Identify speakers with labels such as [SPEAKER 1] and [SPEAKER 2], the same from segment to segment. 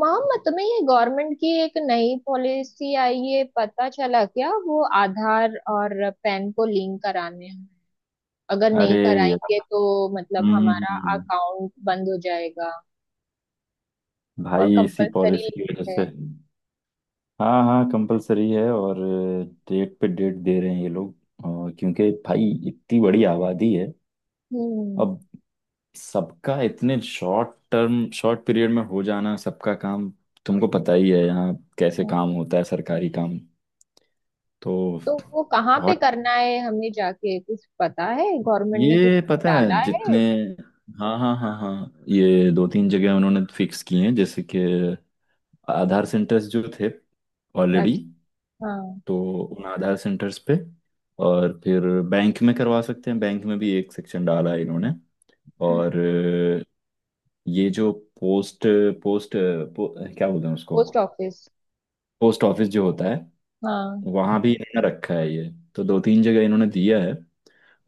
[SPEAKER 1] मामा, तुम्हें ये गवर्नमेंट की एक नई पॉलिसी आई है पता चला? क्या वो आधार और पैन को लिंक कराने हैं। अगर
[SPEAKER 2] अरे,
[SPEAKER 1] नहीं
[SPEAKER 2] यार।
[SPEAKER 1] कराएंगे तो मतलब
[SPEAKER 2] हम्म
[SPEAKER 1] हमारा
[SPEAKER 2] हम्म, हम्म।
[SPEAKER 1] अकाउंट बंद हो जाएगा। और
[SPEAKER 2] भाई, इसी
[SPEAKER 1] कंपलसरी
[SPEAKER 2] पॉलिसी की
[SPEAKER 1] लिंक
[SPEAKER 2] वजह
[SPEAKER 1] है।
[SPEAKER 2] से। हाँ हाँ, कंपलसरी है, और डेट पे डेट दे रहे हैं ये लोग। और क्योंकि भाई इतनी बड़ी आबादी है,
[SPEAKER 1] हम्म।
[SPEAKER 2] अब सबका इतने शॉर्ट टर्म शॉर्ट पीरियड में हो जाना सबका काम। तुमको पता ही है यहाँ कैसे
[SPEAKER 1] हाँ।
[SPEAKER 2] काम होता है सरकारी काम। तो
[SPEAKER 1] तो वो कहाँ पे
[SPEAKER 2] बहुत,
[SPEAKER 1] करना है हमें जाके? कुछ पता है गवर्नमेंट ने कुछ
[SPEAKER 2] ये पता है
[SPEAKER 1] डाला है?
[SPEAKER 2] जितने। हाँ हाँ हाँ हाँ, ये दो तीन जगह उन्होंने फिक्स किए हैं, जैसे कि आधार सेंटर्स जो थे ऑलरेडी,
[SPEAKER 1] अच्छा। हाँ।
[SPEAKER 2] तो उन आधार सेंटर्स पे, और फिर बैंक में करवा सकते हैं। बैंक में भी एक सेक्शन डाला है इन्होंने। और ये जो पोस्ट पोस्ट पो, क्या बोलते हैं उसको,
[SPEAKER 1] पोस्ट ऑफिस।
[SPEAKER 2] पोस्ट ऑफिस जो होता है,
[SPEAKER 1] हाँ।
[SPEAKER 2] वहाँ भी इन्होंने रखा है। ये तो दो तीन जगह इन्होंने दिया है।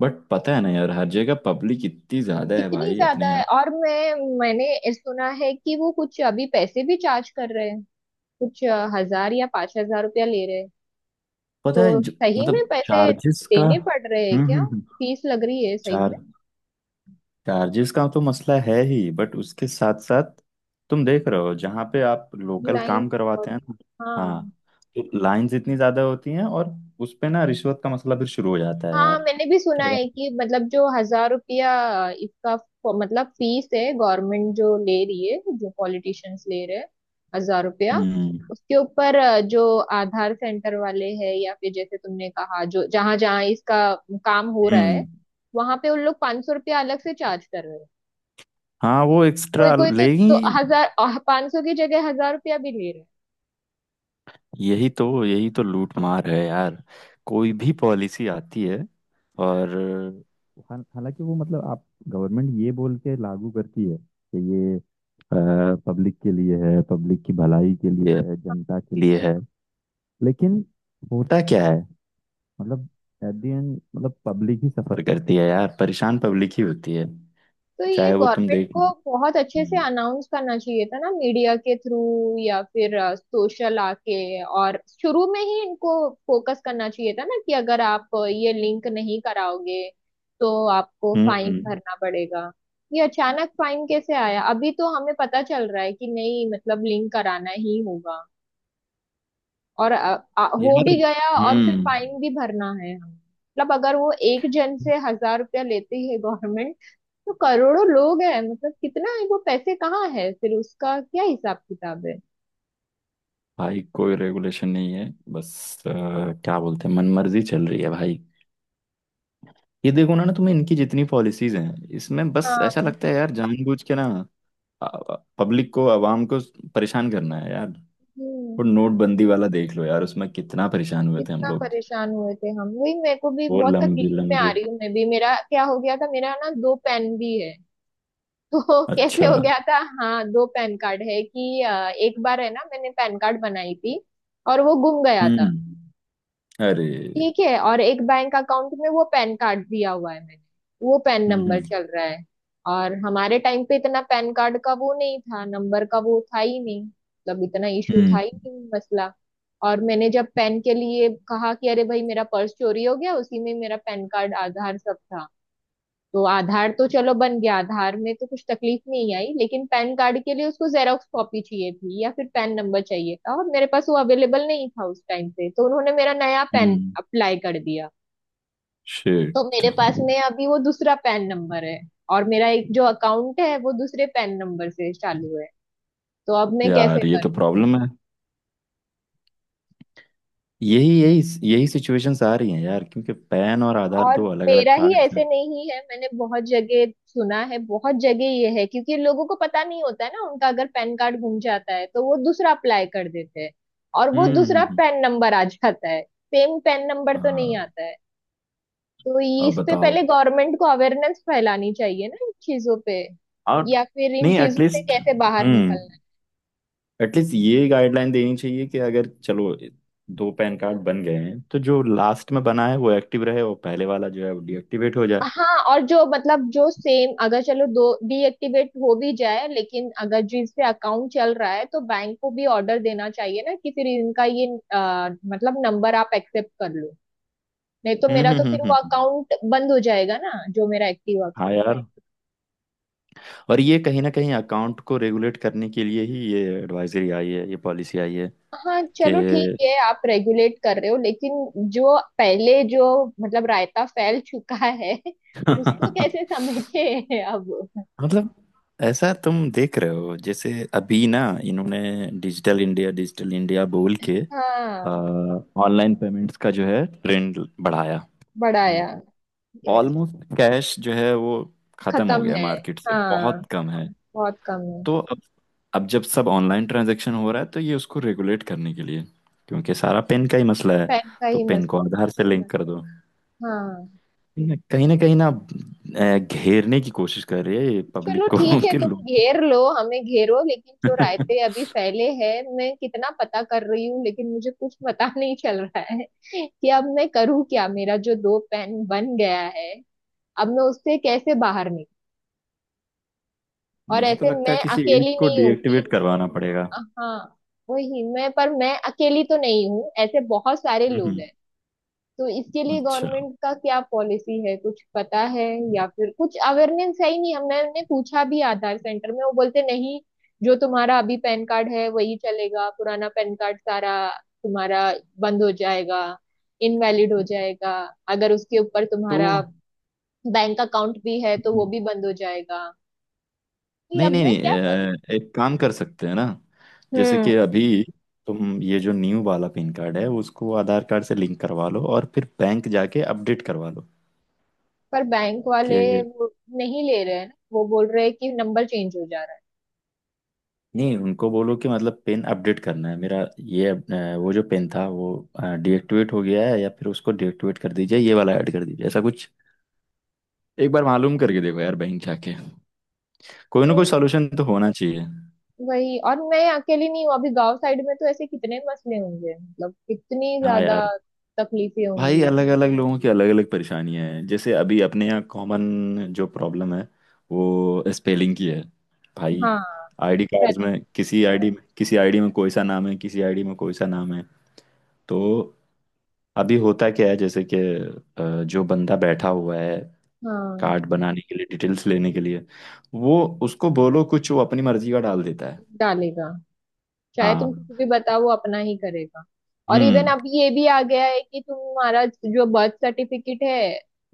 [SPEAKER 2] बट पता है ना यार, हर जगह पब्लिक इतनी ज़्यादा है
[SPEAKER 1] कितनी
[SPEAKER 2] भाई अपने
[SPEAKER 1] ज्यादा है।
[SPEAKER 2] यहाँ।
[SPEAKER 1] और मैंने सुना है कि वो कुछ अभी पैसे भी चार्ज कर रहे हैं। कुछ 1000 या 5000 रुपया ले रहे हैं।
[SPEAKER 2] पता
[SPEAKER 1] तो
[SPEAKER 2] है जो,
[SPEAKER 1] सही में
[SPEAKER 2] मतलब
[SPEAKER 1] पैसे
[SPEAKER 2] चार्जेस का।
[SPEAKER 1] देने पड़ रहे हैं
[SPEAKER 2] हम्म
[SPEAKER 1] क्या?
[SPEAKER 2] हम्म हम्म।
[SPEAKER 1] फीस लग रही है सही
[SPEAKER 2] चार
[SPEAKER 1] में?
[SPEAKER 2] चार्जेस का तो मसला है ही, बट उसके साथ साथ, तुम देख रहे हो जहाँ पे आप लोकल
[SPEAKER 1] लाइन
[SPEAKER 2] काम
[SPEAKER 1] बहुत।
[SPEAKER 2] करवाते हैं ना। हाँ।
[SPEAKER 1] हाँ।
[SPEAKER 2] तो लाइंस इतनी ज्यादा होती हैं, और उस पे ना रिश्वत का मसला फिर शुरू हो जाता है
[SPEAKER 1] हाँ
[SPEAKER 2] यार।
[SPEAKER 1] मैंने भी सुना
[SPEAKER 2] क्या
[SPEAKER 1] है
[SPEAKER 2] बात?
[SPEAKER 1] कि मतलब जो 1000 रुपया मतलब फीस है, गवर्नमेंट जो ले रही है, जो पॉलिटिशियंस ले रहे हैं। 1000 रुपया
[SPEAKER 2] हम्म
[SPEAKER 1] उसके ऊपर जो आधार सेंटर वाले हैं, या फिर जैसे तुमने कहा जो जहां जहां इसका काम हो रहा है
[SPEAKER 2] हम्म।
[SPEAKER 1] वहां पे, उन लोग 500 रुपया अलग से चार्ज कर रहे हैं।
[SPEAKER 2] हाँ, वो
[SPEAKER 1] कोई
[SPEAKER 2] एक्स्ट्रा
[SPEAKER 1] कोई तो
[SPEAKER 2] लेगी।
[SPEAKER 1] 1000, 500 की जगह 1000 रुपया भी ले रहे हैं।
[SPEAKER 2] यही तो लूट मार है यार। कोई भी पॉलिसी आती है, और हालांकि वो, मतलब, आप गवर्नमेंट ये बोल के लागू करती है कि ये पब्लिक के लिए है, पब्लिक की भलाई के लिए है, जनता के लिए है, लेकिन होता क्या है, मतलब एट द एंड मतलब पब्लिक ही सफर करती है यार, परेशान पब्लिक ही होती है।
[SPEAKER 1] तो ये
[SPEAKER 2] चाहे वो, तुम
[SPEAKER 1] गवर्नमेंट
[SPEAKER 2] देख।
[SPEAKER 1] को बहुत अच्छे से
[SPEAKER 2] हम्म
[SPEAKER 1] अनाउंस करना चाहिए था ना, मीडिया के थ्रू या फिर सोशल आके। और शुरू में ही इनको फोकस करना चाहिए था ना, कि अगर आप ये लिंक नहीं कराओगे तो आपको फाइन
[SPEAKER 2] हम्म,
[SPEAKER 1] भरना पड़ेगा। ये अचानक फाइन कैसे आया? अभी तो हमें पता चल रहा है कि नहीं मतलब लिंक कराना ही होगा, और हो
[SPEAKER 2] यार,
[SPEAKER 1] भी गया और फिर
[SPEAKER 2] हम्म।
[SPEAKER 1] फाइन भी भरना है हमें। मतलब अगर वो एक जन से 1000 रुपया लेती है गवर्नमेंट तो करोड़ों लोग हैं, मतलब कितना है वो पैसे, कहाँ है फिर उसका क्या हिसाब किताब है?
[SPEAKER 2] भाई कोई रेगुलेशन नहीं है, बस। अ, क्या बोलते हैं, मनमर्जी चल रही है भाई। ये देखो ना ना, तुम्हें इनकी जितनी पॉलिसीज हैं, इसमें बस ऐसा
[SPEAKER 1] हाँ।
[SPEAKER 2] लगता है यार, जानबूझ के ना पब्लिक को, आवाम को परेशान करना है यार।
[SPEAKER 1] हम्म।
[SPEAKER 2] वो नोटबंदी वाला देख लो यार, उसमें कितना परेशान हुए थे हम
[SPEAKER 1] कितना
[SPEAKER 2] लोग।
[SPEAKER 1] परेशान हुए थे हम, वही मेरे को भी
[SPEAKER 2] वो
[SPEAKER 1] बहुत
[SPEAKER 2] लंबी
[SPEAKER 1] तकलीफ में आ
[SPEAKER 2] लंबी।
[SPEAKER 1] रही हूँ मैं भी। मेरा क्या हो गया था, मेरा ना दो पेन भी है। तो कैसे
[SPEAKER 2] अच्छा।
[SPEAKER 1] हो गया था? हाँ दो पैन कार्ड है कि एक बार है ना, मैंने पैन कार्ड बनाई थी और वो गुम गया था।
[SPEAKER 2] हम्म। अरे।
[SPEAKER 1] ठीक है, और एक बैंक अकाउंट में वो पैन कार्ड दिया हुआ है मैंने, वो पैन नंबर
[SPEAKER 2] हम्म
[SPEAKER 1] चल रहा है। और हमारे टाइम पे इतना पैन कार्ड का वो नहीं था, नंबर का वो था ही नहीं, मतलब इतना इशू था ही
[SPEAKER 2] हम्म
[SPEAKER 1] नहीं मसला। और मैंने जब पैन के लिए कहा कि अरे भाई मेरा पर्स चोरी हो गया, उसी में मेरा पैन कार्ड, आधार सब था। तो आधार तो चलो बन गया, आधार में तो कुछ तकलीफ नहीं आई, लेकिन पैन कार्ड के लिए उसको जेरॉक्स कॉपी चाहिए थी या फिर पैन नंबर चाहिए था, और मेरे पास वो अवेलेबल नहीं था उस टाइम पे, तो उन्होंने मेरा नया पैन
[SPEAKER 2] हम्म।
[SPEAKER 1] अप्लाई कर दिया। तो
[SPEAKER 2] शिट।
[SPEAKER 1] मेरे पास में अभी वो दूसरा पैन नंबर है। और मेरा एक जो अकाउंट है वो दूसरे पैन नंबर से चालू है। तो अब मैं कैसे
[SPEAKER 2] यार, ये तो
[SPEAKER 1] करूँ?
[SPEAKER 2] प्रॉब्लम है। यही यही यही सिचुएशंस आ रही हैं यार, क्योंकि पैन और आधार
[SPEAKER 1] और
[SPEAKER 2] दो अलग अलग
[SPEAKER 1] मेरा ही
[SPEAKER 2] कार्ड्स हैं।
[SPEAKER 1] ऐसे नहीं है, मैंने बहुत जगह सुना है, बहुत जगह ये है। क्योंकि लोगों को पता नहीं होता है ना, उनका अगर पैन कार्ड गुम जाता है तो वो दूसरा अप्लाई कर देते हैं, और वो
[SPEAKER 2] हम्म हम्म,
[SPEAKER 1] दूसरा
[SPEAKER 2] हम्म।
[SPEAKER 1] पैन नंबर आ जाता है। सेम पैन नंबर तो नहीं
[SPEAKER 2] हाँ।
[SPEAKER 1] आता है।
[SPEAKER 2] अब
[SPEAKER 1] इस पे
[SPEAKER 2] बताओ।
[SPEAKER 1] पहले गवर्नमेंट को अवेयरनेस फैलानी चाहिए ना इन चीजों पे।
[SPEAKER 2] और
[SPEAKER 1] या फिर इन
[SPEAKER 2] नहीं,
[SPEAKER 1] चीजों से
[SPEAKER 2] एटलीस्ट,
[SPEAKER 1] कैसे बाहर
[SPEAKER 2] हम्म,
[SPEAKER 1] निकलना।
[SPEAKER 2] एटलीस्ट ये गाइडलाइन देनी चाहिए कि अगर चलो दो पैन कार्ड बन गए हैं, तो जो लास्ट में बना है वो एक्टिव रहे, और पहले वाला जो है वो डीएक्टिवेट हो जाए।
[SPEAKER 1] हाँ। और जो मतलब जो सेम, अगर चलो दो डीएक्टिवेट हो भी जाए, लेकिन अगर जिस पे अकाउंट चल रहा है तो बैंक को भी ऑर्डर देना चाहिए ना, कि फिर इनका ये मतलब नंबर आप एक्सेप्ट कर लो। नहीं तो
[SPEAKER 2] हम्म
[SPEAKER 1] मेरा तो
[SPEAKER 2] हम्म
[SPEAKER 1] फिर
[SPEAKER 2] हम्म
[SPEAKER 1] वो
[SPEAKER 2] हम्म।
[SPEAKER 1] अकाउंट बंद हो जाएगा ना, जो मेरा एक्टिव
[SPEAKER 2] हाँ
[SPEAKER 1] अकाउंट।
[SPEAKER 2] यार, और ये कहीं ना कहीं अकाउंट को रेगुलेट करने के लिए ही ये एडवाइजरी आई है, ये पॉलिसी आई है
[SPEAKER 1] हाँ
[SPEAKER 2] कि,
[SPEAKER 1] चलो ठीक है, आप रेगुलेट कर रहे हो, लेकिन जो पहले जो मतलब रायता फैल चुका है उसको कैसे समेटे अब?
[SPEAKER 2] मतलब, ऐसा तुम देख रहे हो जैसे अभी ना, इन्होंने डिजिटल इंडिया बोल के
[SPEAKER 1] हाँ।
[SPEAKER 2] ऑनलाइन पेमेंट्स का जो है ट्रेंड बढ़ाया।
[SPEAKER 1] बढ़ाया। यस।
[SPEAKER 2] ऑलमोस्ट कैश जो है वो खत्म हो
[SPEAKER 1] खत्म
[SPEAKER 2] गया,
[SPEAKER 1] है।
[SPEAKER 2] मार्केट से
[SPEAKER 1] हाँ
[SPEAKER 2] बहुत कम है।
[SPEAKER 1] बहुत कम है।
[SPEAKER 2] तो अब, जब सब ऑनलाइन ट्रांजैक्शन हो रहा है, तो ये उसको रेगुलेट करने के लिए, क्योंकि सारा पेन का ही मसला है,
[SPEAKER 1] पैन का
[SPEAKER 2] तो
[SPEAKER 1] ही
[SPEAKER 2] पेन को
[SPEAKER 1] मसला
[SPEAKER 2] आधार से लिंक कर दो।
[SPEAKER 1] है। हाँ
[SPEAKER 2] ये कहीं ना कहीं ना, घेरने की कोशिश कर रही है ये
[SPEAKER 1] चलो
[SPEAKER 2] पब्लिक को,
[SPEAKER 1] ठीक है
[SPEAKER 2] के
[SPEAKER 1] तुम
[SPEAKER 2] लोगों
[SPEAKER 1] घेर
[SPEAKER 2] को।
[SPEAKER 1] लो, हमें घेरो, लेकिन जो रायते अभी फैले हैं मैं कितना पता कर रही हूँ, लेकिन मुझे कुछ पता नहीं चल रहा है कि अब मैं करूँ क्या। मेरा जो दो पैन बन गया है, अब मैं उससे कैसे बाहर निकलूँ? और
[SPEAKER 2] मुझे तो
[SPEAKER 1] ऐसे
[SPEAKER 2] लगता
[SPEAKER 1] मैं
[SPEAKER 2] है किसी एक
[SPEAKER 1] अकेली
[SPEAKER 2] को
[SPEAKER 1] नहीं हूँगी।
[SPEAKER 2] डीएक्टिवेट करवाना पड़ेगा।
[SPEAKER 1] हाँ, वही मैं, पर मैं अकेली तो नहीं हूँ, ऐसे बहुत सारे लोग
[SPEAKER 2] हम्म।
[SPEAKER 1] हैं। तो इसके लिए
[SPEAKER 2] अच्छा।
[SPEAKER 1] गवर्नमेंट का क्या पॉलिसी है, कुछ पता है? या फिर कुछ अवेयरनेस है ही नहीं। हमने हमने पूछा भी आधार सेंटर में, वो बोलते, नहीं जो तुम्हारा अभी पैन कार्ड है वही चलेगा, पुराना पैन कार्ड सारा तुम्हारा बंद हो जाएगा, इनवैलिड हो जाएगा। अगर उसके ऊपर
[SPEAKER 2] तो
[SPEAKER 1] तुम्हारा बैंक अकाउंट भी है तो वो भी बंद हो जाएगा। कि
[SPEAKER 2] नहीं
[SPEAKER 1] अब
[SPEAKER 2] नहीं
[SPEAKER 1] मैं
[SPEAKER 2] नहीं,
[SPEAKER 1] क्या करूं?
[SPEAKER 2] एक काम कर सकते हैं ना। जैसे
[SPEAKER 1] हम्म।
[SPEAKER 2] कि अभी तुम ये जो न्यू वाला पिन कार्ड है उसको आधार कार्ड से लिंक करवा लो, और फिर बैंक जाके अपडेट करवा लो
[SPEAKER 1] पर बैंक
[SPEAKER 2] कि,
[SPEAKER 1] वाले वो नहीं ले रहे हैं ना, वो बोल रहे हैं कि नंबर चेंज हो जा रहा
[SPEAKER 2] नहीं, उनको बोलो कि मतलब पिन अपडेट करना है मेरा, ये वो जो पिन था वो डीएक्टिवेट हो गया है, या फिर उसको डीएक्टिवेट कर दीजिए, ये वाला ऐड कर दीजिए, ऐसा कुछ। एक बार मालूम करके देखो यार बैंक जाके, कोई ना कोई
[SPEAKER 1] है।
[SPEAKER 2] सॉल्यूशन तो होना चाहिए।
[SPEAKER 1] वही, और मैं अकेली नहीं हूँ अभी, गांव साइड में तो ऐसे कितने मसले होंगे, मतलब कितनी
[SPEAKER 2] हाँ
[SPEAKER 1] ज्यादा
[SPEAKER 2] यार,
[SPEAKER 1] तकलीफें
[SPEAKER 2] भाई
[SPEAKER 1] होंगी।
[SPEAKER 2] अलग अलग लोगों की अलग अलग परेशानियां हैं। जैसे अभी अपने यहाँ कॉमन जो प्रॉब्लम है, वो स्पेलिंग की है भाई।
[SPEAKER 1] हाँ।
[SPEAKER 2] आईडी कार्ड्स
[SPEAKER 1] पैनिक
[SPEAKER 2] में, किसी
[SPEAKER 1] होता है।
[SPEAKER 2] आईडी में किसी आईडी में कोई सा नाम है, किसी आईडी में कोई सा नाम है। तो अभी होता क्या है, जैसे कि जो बंदा बैठा हुआ है
[SPEAKER 1] हाँ।
[SPEAKER 2] कार्ड बनाने के लिए, डिटेल्स लेने के लिए, वो, उसको बोलो कुछ, वो अपनी मर्जी का डाल देता है।
[SPEAKER 1] डालेगा। चाहे तुम
[SPEAKER 2] हाँ।
[SPEAKER 1] किसी भी बताओ, वो अपना ही करेगा। और इवन
[SPEAKER 2] हम्म
[SPEAKER 1] अब ये भी आ गया है कि तुम्हारा जो बर्थ सर्टिफिकेट है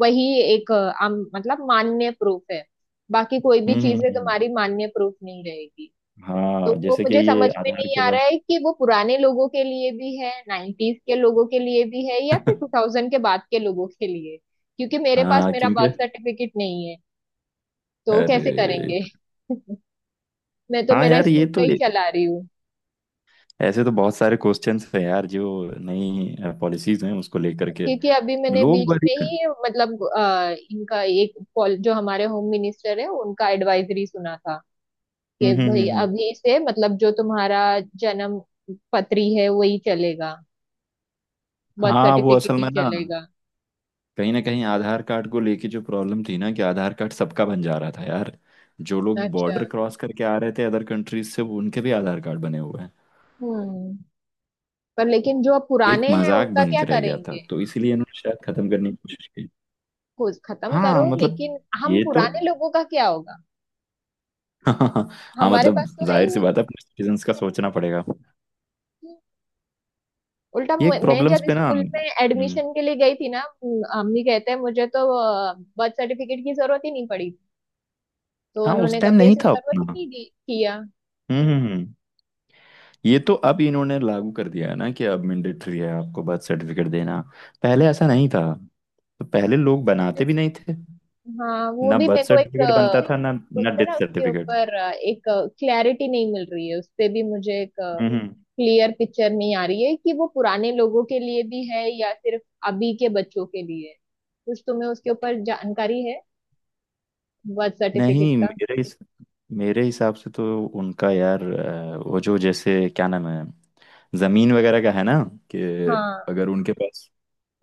[SPEAKER 1] वही एक मतलब मान्य प्रूफ है। बाकी कोई भी
[SPEAKER 2] हम्म हम्म
[SPEAKER 1] चीजें
[SPEAKER 2] हम्म।
[SPEAKER 1] तुम्हारी मान्य प्रूफ नहीं रहेगी। तो
[SPEAKER 2] हाँ,
[SPEAKER 1] वो
[SPEAKER 2] जैसे कि
[SPEAKER 1] मुझे
[SPEAKER 2] ये
[SPEAKER 1] समझ में
[SPEAKER 2] आधार
[SPEAKER 1] नहीं
[SPEAKER 2] के
[SPEAKER 1] आ रहा
[SPEAKER 2] बाद।
[SPEAKER 1] है कि वो पुराने लोगों के लिए भी है, 90s के लोगों के लिए भी है, या फिर टू थाउजेंड के बाद के लोगों के लिए, क्योंकि मेरे पास
[SPEAKER 2] हाँ
[SPEAKER 1] मेरा
[SPEAKER 2] क्योंकि,
[SPEAKER 1] बर्थ सर्टिफिकेट नहीं है तो
[SPEAKER 2] अरे,
[SPEAKER 1] कैसे करेंगे? मैं तो
[SPEAKER 2] हाँ
[SPEAKER 1] मेरा
[SPEAKER 2] यार,
[SPEAKER 1] स्कूल का ही चला रही हूँ।
[SPEAKER 2] ऐसे तो बहुत सारे क्वेश्चंस हैं यार, जो नई पॉलिसीज हैं उसको लेकर के
[SPEAKER 1] क्योंकि अभी मैंने
[SPEAKER 2] लोग
[SPEAKER 1] बीच
[SPEAKER 2] बड़ी,
[SPEAKER 1] में
[SPEAKER 2] हम्म।
[SPEAKER 1] ही मतलब इनका एक जो हमारे होम मिनिस्टर है उनका एडवाइजरी सुना था, कि भाई
[SPEAKER 2] हम्म
[SPEAKER 1] अभी से मतलब जो तुम्हारा जन्म पत्री है वही चलेगा, बर्थ
[SPEAKER 2] हाँ, वो
[SPEAKER 1] सर्टिफिकेट
[SPEAKER 2] असल
[SPEAKER 1] ही
[SPEAKER 2] में ना,
[SPEAKER 1] चलेगा।
[SPEAKER 2] कहीं ना कहीं आधार कार्ड को लेके जो प्रॉब्लम थी ना, कि आधार कार्ड सबका बन जा रहा था यार। जो लोग
[SPEAKER 1] अच्छा।
[SPEAKER 2] बॉर्डर क्रॉस करके आ रहे थे अदर कंट्रीज से, वो उनके भी आधार कार्ड बने हुए हैं,
[SPEAKER 1] हम्म। पर लेकिन जो अब
[SPEAKER 2] एक
[SPEAKER 1] पुराने हैं
[SPEAKER 2] मजाक
[SPEAKER 1] उनका
[SPEAKER 2] बन
[SPEAKER 1] क्या
[SPEAKER 2] के रह गया था,
[SPEAKER 1] करेंगे?
[SPEAKER 2] तो इसीलिए इन्होंने शायद खत्म करने की कोशिश की।
[SPEAKER 1] कुछ खत्म करो,
[SPEAKER 2] हाँ, मतलब
[SPEAKER 1] लेकिन हम
[SPEAKER 2] ये तो,
[SPEAKER 1] पुराने लोगों का क्या होगा?
[SPEAKER 2] हाँ,
[SPEAKER 1] हमारे
[SPEAKER 2] मतलब
[SPEAKER 1] पास तो है ही
[SPEAKER 2] जाहिर सी
[SPEAKER 1] नहीं।
[SPEAKER 2] बात है, अपने सिटीजन्स का सोचना पड़ेगा।
[SPEAKER 1] उल्टा
[SPEAKER 2] ये एक
[SPEAKER 1] मैं
[SPEAKER 2] प्रॉब्लम्स
[SPEAKER 1] जब
[SPEAKER 2] पे ना,
[SPEAKER 1] स्कूल में
[SPEAKER 2] हम्म।
[SPEAKER 1] एडमिशन के लिए गई थी ना, अम्मी कहते हैं मुझे तो बर्थ सर्टिफिकेट की जरूरत ही नहीं पड़ी, तो
[SPEAKER 2] हाँ, उस
[SPEAKER 1] उन्होंने
[SPEAKER 2] टाइम
[SPEAKER 1] कभी
[SPEAKER 2] नहीं
[SPEAKER 1] ऐसे
[SPEAKER 2] था
[SPEAKER 1] जरूरत ही
[SPEAKER 2] उतना।
[SPEAKER 1] नहीं दी किया।
[SPEAKER 2] हम्म हम्म, हम्म। ये तो अब इन्होंने लागू कर दिया है ना कि अब मैंडेटरी है आपको बर्थ सर्टिफिकेट देना। पहले ऐसा नहीं था, तो पहले लोग बनाते भी नहीं थे।
[SPEAKER 1] हाँ वो
[SPEAKER 2] ना
[SPEAKER 1] भी मेरे
[SPEAKER 2] बर्थ
[SPEAKER 1] को एक
[SPEAKER 2] सर्टिफिकेट बनता था, ना ना
[SPEAKER 1] बोलते हैं ना,
[SPEAKER 2] डेथ
[SPEAKER 1] उसके
[SPEAKER 2] सर्टिफिकेट।
[SPEAKER 1] ऊपर एक क्लैरिटी नहीं मिल रही है, उस पे भी मुझे एक
[SPEAKER 2] हम्म हम्म।
[SPEAKER 1] क्लियर पिक्चर नहीं आ रही है कि वो पुराने लोगों के लिए भी है या सिर्फ अभी के बच्चों के लिए है। कुछ तुम्हें उसके ऊपर जानकारी है बर्थ सर्टिफिकेट
[SPEAKER 2] नहीं,
[SPEAKER 1] का?
[SPEAKER 2] मेरे हिसाब से तो उनका यार, वो जो जैसे क्या नाम है, जमीन वगैरह का है ना, कि
[SPEAKER 1] हाँ,
[SPEAKER 2] अगर उनके पास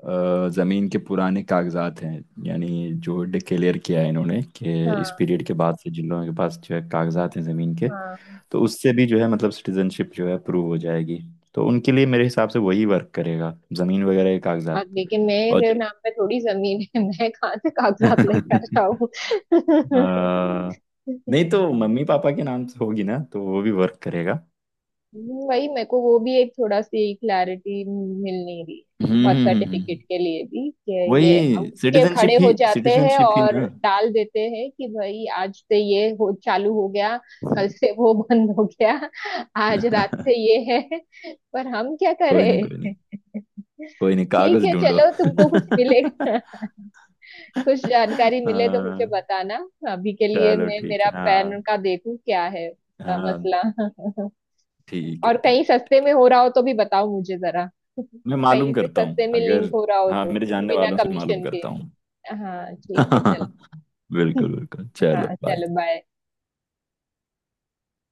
[SPEAKER 2] जमीन के पुराने कागजात हैं, यानी, जो डिक्लेयर किया है इन्होंने कि इस
[SPEAKER 1] हाँ,
[SPEAKER 2] पीरियड के बाद से जिन लोगों के पास जो है कागजात हैं जमीन के,
[SPEAKER 1] हाँ।
[SPEAKER 2] तो उससे भी जो है मतलब सिटीजनशिप जो है प्रूव हो जाएगी। तो उनके लिए मेरे हिसाब से वही वर्क करेगा, जमीन वगैरह के
[SPEAKER 1] और
[SPEAKER 2] कागजात।
[SPEAKER 1] लेकिन
[SPEAKER 2] और
[SPEAKER 1] मेरे नाम पे थोड़ी जमीन है मैं कहाँ से कागजात लेकर आऊँ?
[SPEAKER 2] अ, नहीं तो मम्मी पापा के नाम से होगी ना, तो वो भी वर्क करेगा।
[SPEAKER 1] वही मेरे को वो भी एक थोड़ा सी क्लैरिटी मिल नहीं रही है
[SPEAKER 2] हम्म
[SPEAKER 1] बर्थ
[SPEAKER 2] हम्म, हम्म,
[SPEAKER 1] सर्टिफिकेट
[SPEAKER 2] हम्म।
[SPEAKER 1] के लिए भी, कि ये
[SPEAKER 2] वही
[SPEAKER 1] अब के
[SPEAKER 2] सिटीजनशिप
[SPEAKER 1] खड़े
[SPEAKER 2] ही,
[SPEAKER 1] हो जाते हैं
[SPEAKER 2] सिटीजनशिप ही
[SPEAKER 1] और
[SPEAKER 2] ना।
[SPEAKER 1] डाल देते हैं कि भाई आज से ये हो चालू हो गया, कल से वो बंद हो गया, आज रात से ये है। पर हम क्या
[SPEAKER 2] कोई नहीं, कोई नहीं,
[SPEAKER 1] करें?
[SPEAKER 2] कोई नहीं,
[SPEAKER 1] ठीक
[SPEAKER 2] कागज
[SPEAKER 1] है
[SPEAKER 2] ढूंढो।
[SPEAKER 1] चलो, तुमको कुछ मिलेगा कुछ जानकारी मिले तो मुझे
[SPEAKER 2] हाँ
[SPEAKER 1] बताना। अभी के लिए
[SPEAKER 2] चलो,
[SPEAKER 1] मैं
[SPEAKER 2] ठीक
[SPEAKER 1] मेरा
[SPEAKER 2] है। हाँ,
[SPEAKER 1] पैन का देखूं क्या है उसका
[SPEAKER 2] हाँ
[SPEAKER 1] मसला।
[SPEAKER 2] ठीक
[SPEAKER 1] और
[SPEAKER 2] है, ठीक
[SPEAKER 1] कहीं
[SPEAKER 2] है,
[SPEAKER 1] सस्ते
[SPEAKER 2] ठीक।
[SPEAKER 1] में हो रहा हो तो भी बताओ मुझे जरा।
[SPEAKER 2] मैं मालूम
[SPEAKER 1] कहीं पे
[SPEAKER 2] करता
[SPEAKER 1] सस्ते
[SPEAKER 2] हूँ,
[SPEAKER 1] में लिंक
[SPEAKER 2] अगर,
[SPEAKER 1] हो रहा हो
[SPEAKER 2] हाँ,
[SPEAKER 1] तो,
[SPEAKER 2] मेरे जानने
[SPEAKER 1] बिना
[SPEAKER 2] वालों से मालूम
[SPEAKER 1] कमीशन के।
[SPEAKER 2] करता हूँ।
[SPEAKER 1] हाँ ठीक है चलो।
[SPEAKER 2] बिल्कुल बिल्कुल, चलो
[SPEAKER 1] हाँ
[SPEAKER 2] बाय।
[SPEAKER 1] चलो, बाय।